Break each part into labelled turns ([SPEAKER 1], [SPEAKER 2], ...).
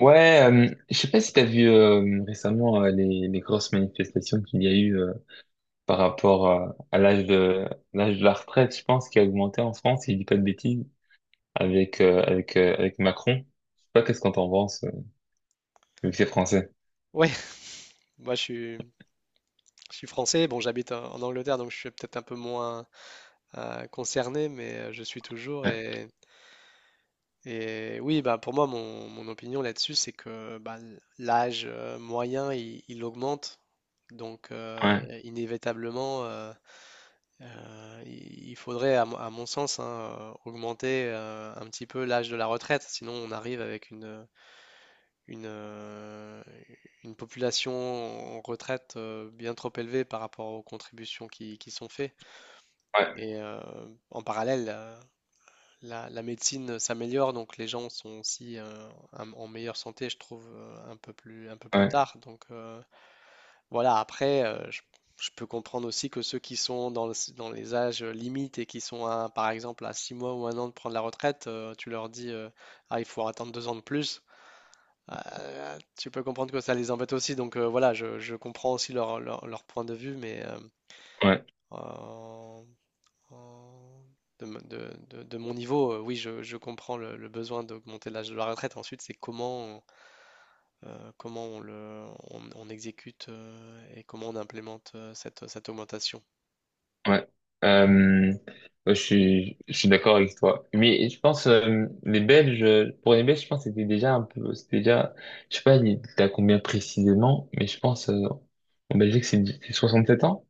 [SPEAKER 1] Ouais, je sais pas si t'as vu récemment les grosses manifestations qu'il y a eu par rapport à l'âge de la retraite, je pense, qui a augmenté en France, si je dis pas de bêtises, avec Macron. Je sais pas qu'est-ce qu'on t'en pense, vu que c'est français.
[SPEAKER 2] Ouais, moi je suis, je suis français. Bon, j'habite en Angleterre, donc je suis peut-être un peu moins concerné, mais je suis toujours
[SPEAKER 1] Ouais,
[SPEAKER 2] et oui, bah pour moi mon opinion là-dessus, c'est que bah, l'âge moyen il augmente, donc
[SPEAKER 1] ouais,
[SPEAKER 2] inévitablement, il faudrait mon à mon sens, hein, augmenter un petit peu l'âge de la retraite, sinon on arrive avec une, euh, une population en retraite bien trop élevée par rapport aux contributions qui sont faites.
[SPEAKER 1] ouais,
[SPEAKER 2] Et en parallèle, la médecine s'améliore, donc les gens sont aussi en meilleure santé, je trouve, un peu un peu plus
[SPEAKER 1] ouais.
[SPEAKER 2] tard. Donc voilà. Après, je peux comprendre aussi que ceux qui sont dans les âges limites et qui sont, à, par exemple, à 6 mois ou un an de prendre la retraite, tu leur dis, ah, il faut attendre deux ans de plus. Tu peux comprendre que ça les embête aussi, donc voilà, je comprends aussi leur point de vue, mais
[SPEAKER 1] Ouais.
[SPEAKER 2] en- en- de, m- de mon niveau, oui, je comprends le besoin d'augmenter l'âge de la retraite. Ensuite, c'est comment, comment on on exécute et comment on implémente cette augmentation.
[SPEAKER 1] Ouais. Euh, je suis d'accord avec toi. Mais je pense les Belges, pour les Belges, je pense que c'était déjà un peu, c'était déjà, je sais pas, t'as combien précisément, mais je pense en Belgique c'est 67 ans,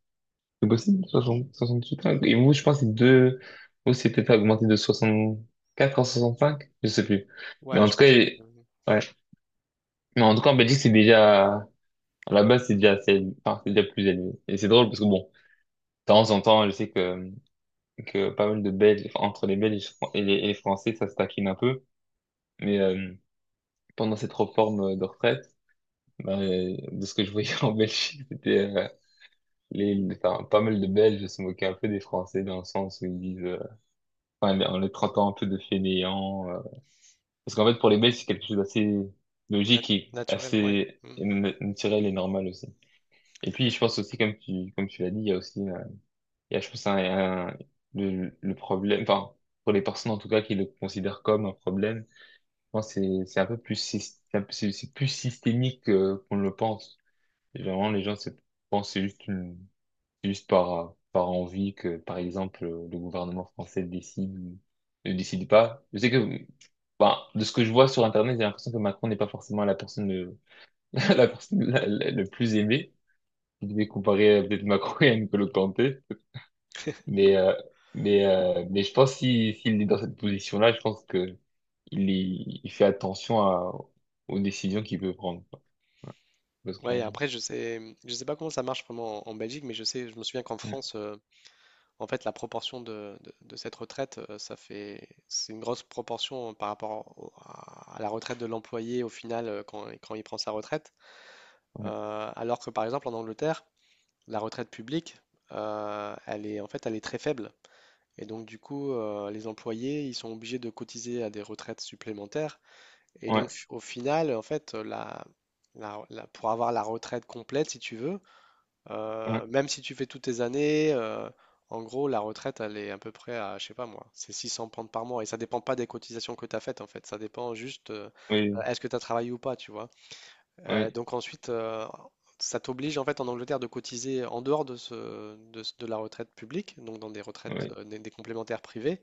[SPEAKER 1] c'est possible, soixante huit ans. Et vous, je pense que c'est deux, vous c'est peut-être augmenté de 64 à cinq, je sais plus. Mais
[SPEAKER 2] Ouais,
[SPEAKER 1] en
[SPEAKER 2] je
[SPEAKER 1] tout cas,
[SPEAKER 2] pense euh,
[SPEAKER 1] ouais. Mais en tout cas, en Belgique c'est déjà, à la base c'est déjà, c'est, enfin, c'est déjà plus élevé. Et c'est drôle parce que bon, de temps en temps, je sais que pas mal de Belges, enfin, entre les Belges et les Français, ça se taquine un peu. Mais pendant cette réforme de retraite, ben, de ce que je voyais en Belgique, c'était enfin, pas mal de Belges se moquaient un peu des Français dans le sens où ils disent, enfin, en les traitant un peu de fainéants. Parce qu'en fait, pour les Belges, c'est quelque chose d'assez
[SPEAKER 2] nat-
[SPEAKER 1] logique et
[SPEAKER 2] naturel, ouais.
[SPEAKER 1] assez
[SPEAKER 2] Mm.
[SPEAKER 1] naturel et normal aussi. Et puis, je pense aussi, comme tu l'as dit, il y a aussi, il y a, je pense, le problème, enfin, pour les personnes en tout cas qui le considèrent comme un problème. Moi, c'est un peu plus, sys- c'est un peu- c'est plus systémique qu'on le pense. Généralement, les gens se pensent c'est juste une, c'est juste par envie que, par exemple, le gouvernement français décide ou ne décide pas. Je sais que, bah, de ce que je vois sur Internet, j'ai l'impression que Macron n'est pas forcément la personne, la personne le plus aimée. Je devais comparer peut-être Macron et Nicolas Kanté. Mais, euh, mais je pense, si, s'il est dans cette position-là, je pense que il, il fait attention aux décisions qu'il peut prendre, quoi. Parce
[SPEAKER 2] Ouais,
[SPEAKER 1] qu'on...
[SPEAKER 2] après, je sais pas comment ça marche vraiment en Belgique, mais je sais, je me souviens qu'en
[SPEAKER 1] Ouais,
[SPEAKER 2] France, en fait, la proportion de cette retraite, c'est une grosse proportion par rapport à la retraite de l'employé au final quand il prend sa retraite.
[SPEAKER 1] ouais,
[SPEAKER 2] Alors que par exemple en Angleterre, la retraite publique, elle est très faible. Et donc du coup, les employés, ils sont obligés de cotiser à des retraites supplémentaires. Et
[SPEAKER 1] ouais,
[SPEAKER 2] donc au final, en fait, pour avoir la retraite complète, si tu veux,
[SPEAKER 1] ouais,
[SPEAKER 2] même si tu fais toutes tes années, en gros, la retraite, elle est à peu près à, je sais pas moi, c'est 600 pounds par mois. Et ça dépend pas des cotisations que tu as faites, en fait. Ça dépend juste,
[SPEAKER 1] oui,
[SPEAKER 2] est-ce que tu as travaillé ou pas, tu vois.
[SPEAKER 1] oui,
[SPEAKER 2] Donc ensuite, ça t'oblige, en fait, en Angleterre, de cotiser en dehors de la retraite publique, donc dans des retraites,
[SPEAKER 1] oui,
[SPEAKER 2] des complémentaires privées.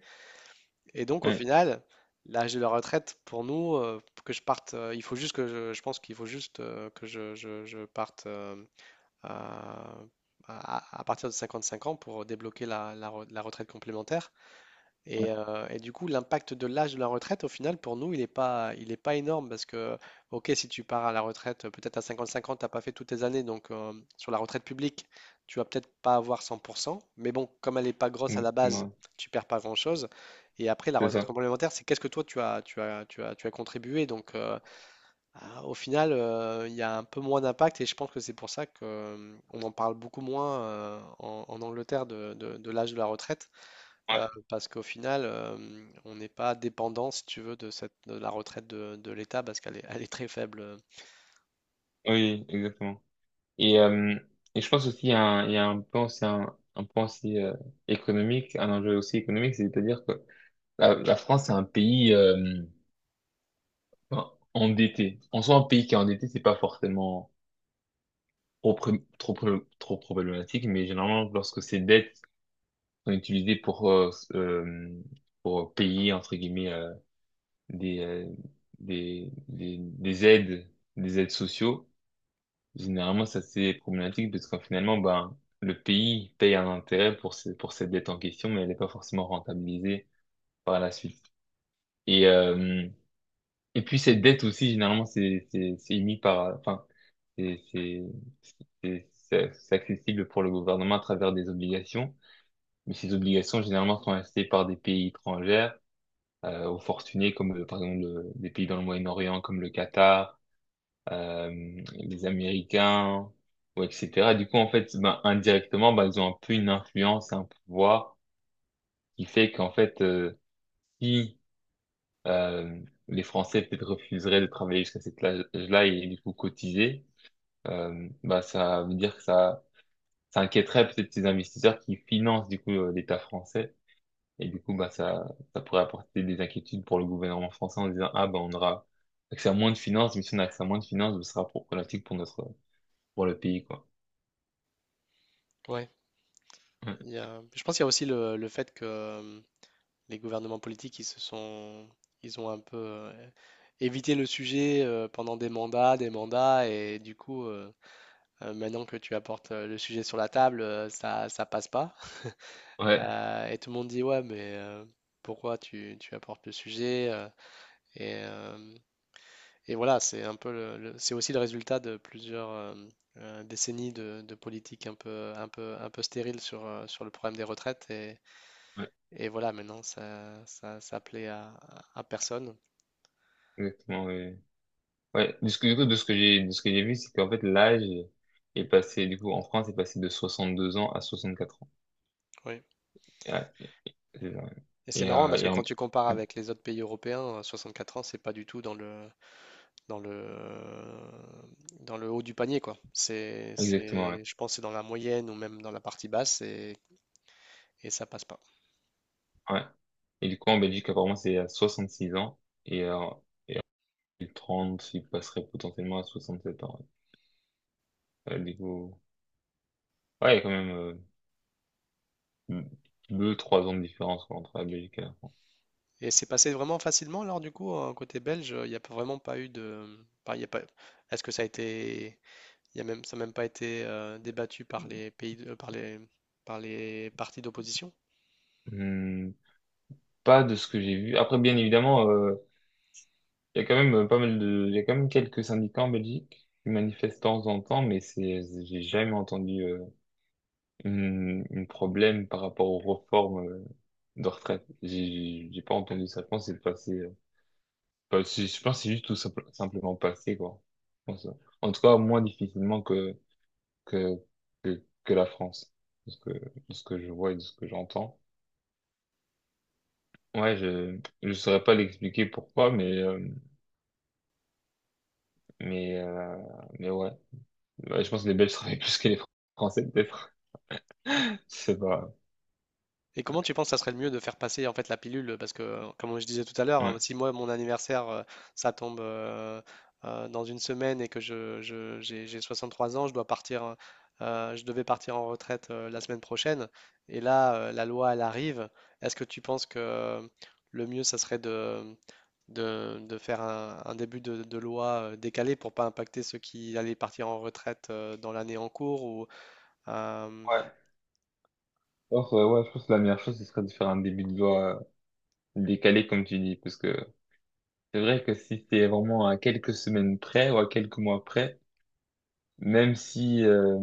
[SPEAKER 2] Et donc, au
[SPEAKER 1] oui,
[SPEAKER 2] final, l'âge de la retraite, pour nous, que je parte, il faut juste que je pense qu'il faut juste je parte, euh, à partir de 55 ans pour débloquer la retraite complémentaire. Et du coup, l'impact de l'âge de la retraite, au final, pour nous, il est pas énorme parce que, ok, si tu pars à la retraite, peut-être à 55 ans, tu n'as pas fait toutes tes années, donc sur la retraite publique, tu vas peut-être pas avoir 100%, mais bon, comme elle n'est pas grosse à
[SPEAKER 1] oui,
[SPEAKER 2] la
[SPEAKER 1] mm,
[SPEAKER 2] base,
[SPEAKER 1] ouais,
[SPEAKER 2] tu perds pas grand-chose. Et après, la
[SPEAKER 1] c'est
[SPEAKER 2] retraite
[SPEAKER 1] ça.
[SPEAKER 2] complémentaire, c'est qu'est-ce que toi, tu as contribué. Donc, au final, il y a un peu moins d'impact et je pense que c'est pour ça que, on en parle beaucoup moins en Angleterre de l'âge de la retraite,
[SPEAKER 1] Ouais,
[SPEAKER 2] parce qu'au final, on n'est pas dépendant, si tu veux, de la retraite de l'État parce elle est très faible.
[SPEAKER 1] oui, exactement. Et, euh, et je pense aussi il y a il y a un point, c'est un point aussi économique, un enjeu aussi économique, c'est-à-dire que la France c'est un pays enfin, endetté. En soi, un pays qui est endetté, c'est pas forcément trop, pré- trop, pré- trop problématique, mais généralement, lorsque ses dettes sont utilisés euh, pour payer entre guillemets des, euh, des aides des aides sociaux. Généralement, ça c'est problématique parce qu'en finalement, ben le pays paye un intérêt pour pour cette dette en question, mais elle n'est pas forcément rentabilisée par la suite. Et et puis cette dette aussi, généralement, c'est émis par, enfin, c'est c'est c'est accessible pour le gouvernement à travers des obligations. Mais ces obligations, généralement, sont achetées par des pays étrangers aux fortunés comme, par exemple, des pays dans le Moyen-Orient comme le Qatar, les Américains, ou etc. Du coup, en fait, ben, indirectement, ben, ils ont un peu une influence, un pouvoir qui fait qu'en fait, si euh, les Français peut-être refuseraient de travailler jusqu'à cet âge-là et du coup cotiser, ben, ça veut dire que ça inquiéterait peut-être ces investisseurs qui financent du coup l'État français. Et du coup, bah, ça pourrait apporter des inquiétudes pour le gouvernement français en disant, ah, bah, on aura accès à moins de finances, mais si on a accès à moins de finances, ce sera problématique pour notre, pour le pays, quoi.
[SPEAKER 2] Ouais.
[SPEAKER 1] Ouais,
[SPEAKER 2] Je pense qu'il y a aussi le fait que les gouvernements politiques, ils ont un peu évité le sujet pendant des mandats, et du coup, maintenant que tu apportes, le sujet sur la table, ça passe pas.
[SPEAKER 1] ouais,
[SPEAKER 2] Et tout le monde dit: «Ouais, mais pourquoi tu apportes le sujet ?» Et hem et voilà, c'est un peu le c'est aussi le résultat de plusieurs, décennies de politique un peu stérile sur, sur le problème des retraites
[SPEAKER 1] ouais,
[SPEAKER 2] et voilà, maintenant ça plaît à personne.
[SPEAKER 1] exactement, ouais. Ouais, de ce que, du coup, de ce que j'ai vu, c'est qu'en fait, l'âge est passé, du coup, en France, est passé de 62 ans à 64 ans.
[SPEAKER 2] Oui,
[SPEAKER 1] Et, ouais, c'est ça, ouais.
[SPEAKER 2] et c'est
[SPEAKER 1] Et,
[SPEAKER 2] marrant
[SPEAKER 1] euh,
[SPEAKER 2] parce que
[SPEAKER 1] et en,
[SPEAKER 2] quand tu compares
[SPEAKER 1] ouais,
[SPEAKER 2] avec les autres pays européens, 64 ans, c'est pas du tout dans dans le, dans le haut du panier, quoi.
[SPEAKER 1] exactement, ouais.
[SPEAKER 2] Je pense que c'est dans la moyenne ou même dans la partie basse, et ça passe pas.
[SPEAKER 1] Ouais. Et du coup, en Belgique, apparemment, c'est à 66 ans, et en 30, il passerait potentiellement à 67 ans, ouais. Ouais, du coup, ouais, il y a quand même 2, 3 ans de différence, quoi, entre la Belgique et la France.
[SPEAKER 2] Et c'est passé vraiment facilement, alors du coup, côté belge, il n'y a pas- vraiment pas eu de... pas- il y a pas... Est-ce que ça a été. Il y a même... Ça n'a même pas été débattu par les pays de- par les partis d'opposition?
[SPEAKER 1] Hmm, pas de ce que j'ai vu. Après, bien évidemment, il y a quand même pas mal de, il y a quand même quelques syndicats en Belgique qui manifestent de temps en temps, mais j'ai jamais entendu une problème par rapport aux réformes de retraite. J'ai pas entendu ça. Je pense que c'est passé. Je pense que c'est juste tout simplement passé, quoi. Je pense, en tout cas, moins difficilement que, que la France, de ce que je vois et de ce que j'entends. Ouais, je saurais pas l'expliquer pourquoi, mais mais euh, mais ouais. Ouais, je pense que les Belges travaillent plus que les Français peut-être. C'est pas.
[SPEAKER 2] Et comment tu penses que ça serait le mieux de faire passer en fait la pilule? Parce que, comme je disais tout à l'heure,
[SPEAKER 1] Ouais.
[SPEAKER 2] si moi mon anniversaire ça tombe dans une semaine et que j'ai 63 ans, je devais partir en retraite la semaine prochaine. Et là, la loi elle arrive. Est-ce que tu penses que le mieux ça serait de faire un début de loi décalé pour pas impacter ceux qui allaient partir en retraite dans l'année en cours ou euh,
[SPEAKER 1] Ouais. Alors, ouais, je pense que la meilleure chose ce serait de faire un début de voix décalé comme tu dis, parce que c'est vrai que si c'est vraiment à quelques semaines près ou à quelques mois près, même si euh,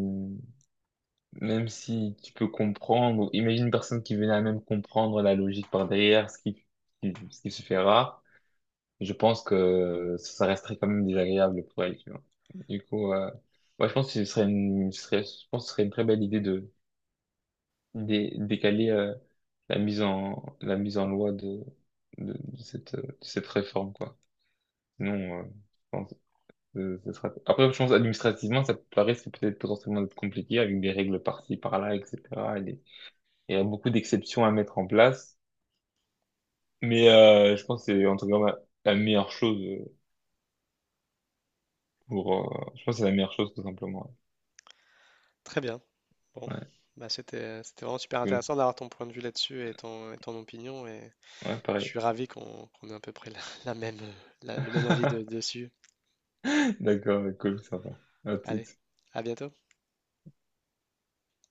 [SPEAKER 1] Même si tu peux comprendre, imagine une personne qui venait à même comprendre la logique par derrière, ce qui se fait rare, je pense que ça resterait quand même désagréable pour elle, tu vois. Du coup, ouais, je pense que ce serait une, ce serait, je pense que ce serait une très belle idée de décaler la mise en loi de cette réforme, quoi. Sinon, je pense que ce sera... Après, je pense administrativement, ça paraît peut-être potentiellement être compliqué avec des règles par-ci, par-là, etc. Il y a beaucoup d'exceptions à mettre en place, mais je pense que c'est en tout cas la meilleure chose pour. Je pense que c'est la meilleure chose tout simplement.
[SPEAKER 2] très bien. Bon,
[SPEAKER 1] Ouais,
[SPEAKER 2] bah c'était vraiment super
[SPEAKER 1] cool.
[SPEAKER 2] intéressant d'avoir ton point de vue là-dessus et et ton opinion et
[SPEAKER 1] Ouais,
[SPEAKER 2] je
[SPEAKER 1] pareil.
[SPEAKER 2] suis ravi qu'on ait à peu près la même, le même avis dessus.
[SPEAKER 1] D'accord, ouais, cool, ça va. À
[SPEAKER 2] Allez,
[SPEAKER 1] toutes.
[SPEAKER 2] à bientôt.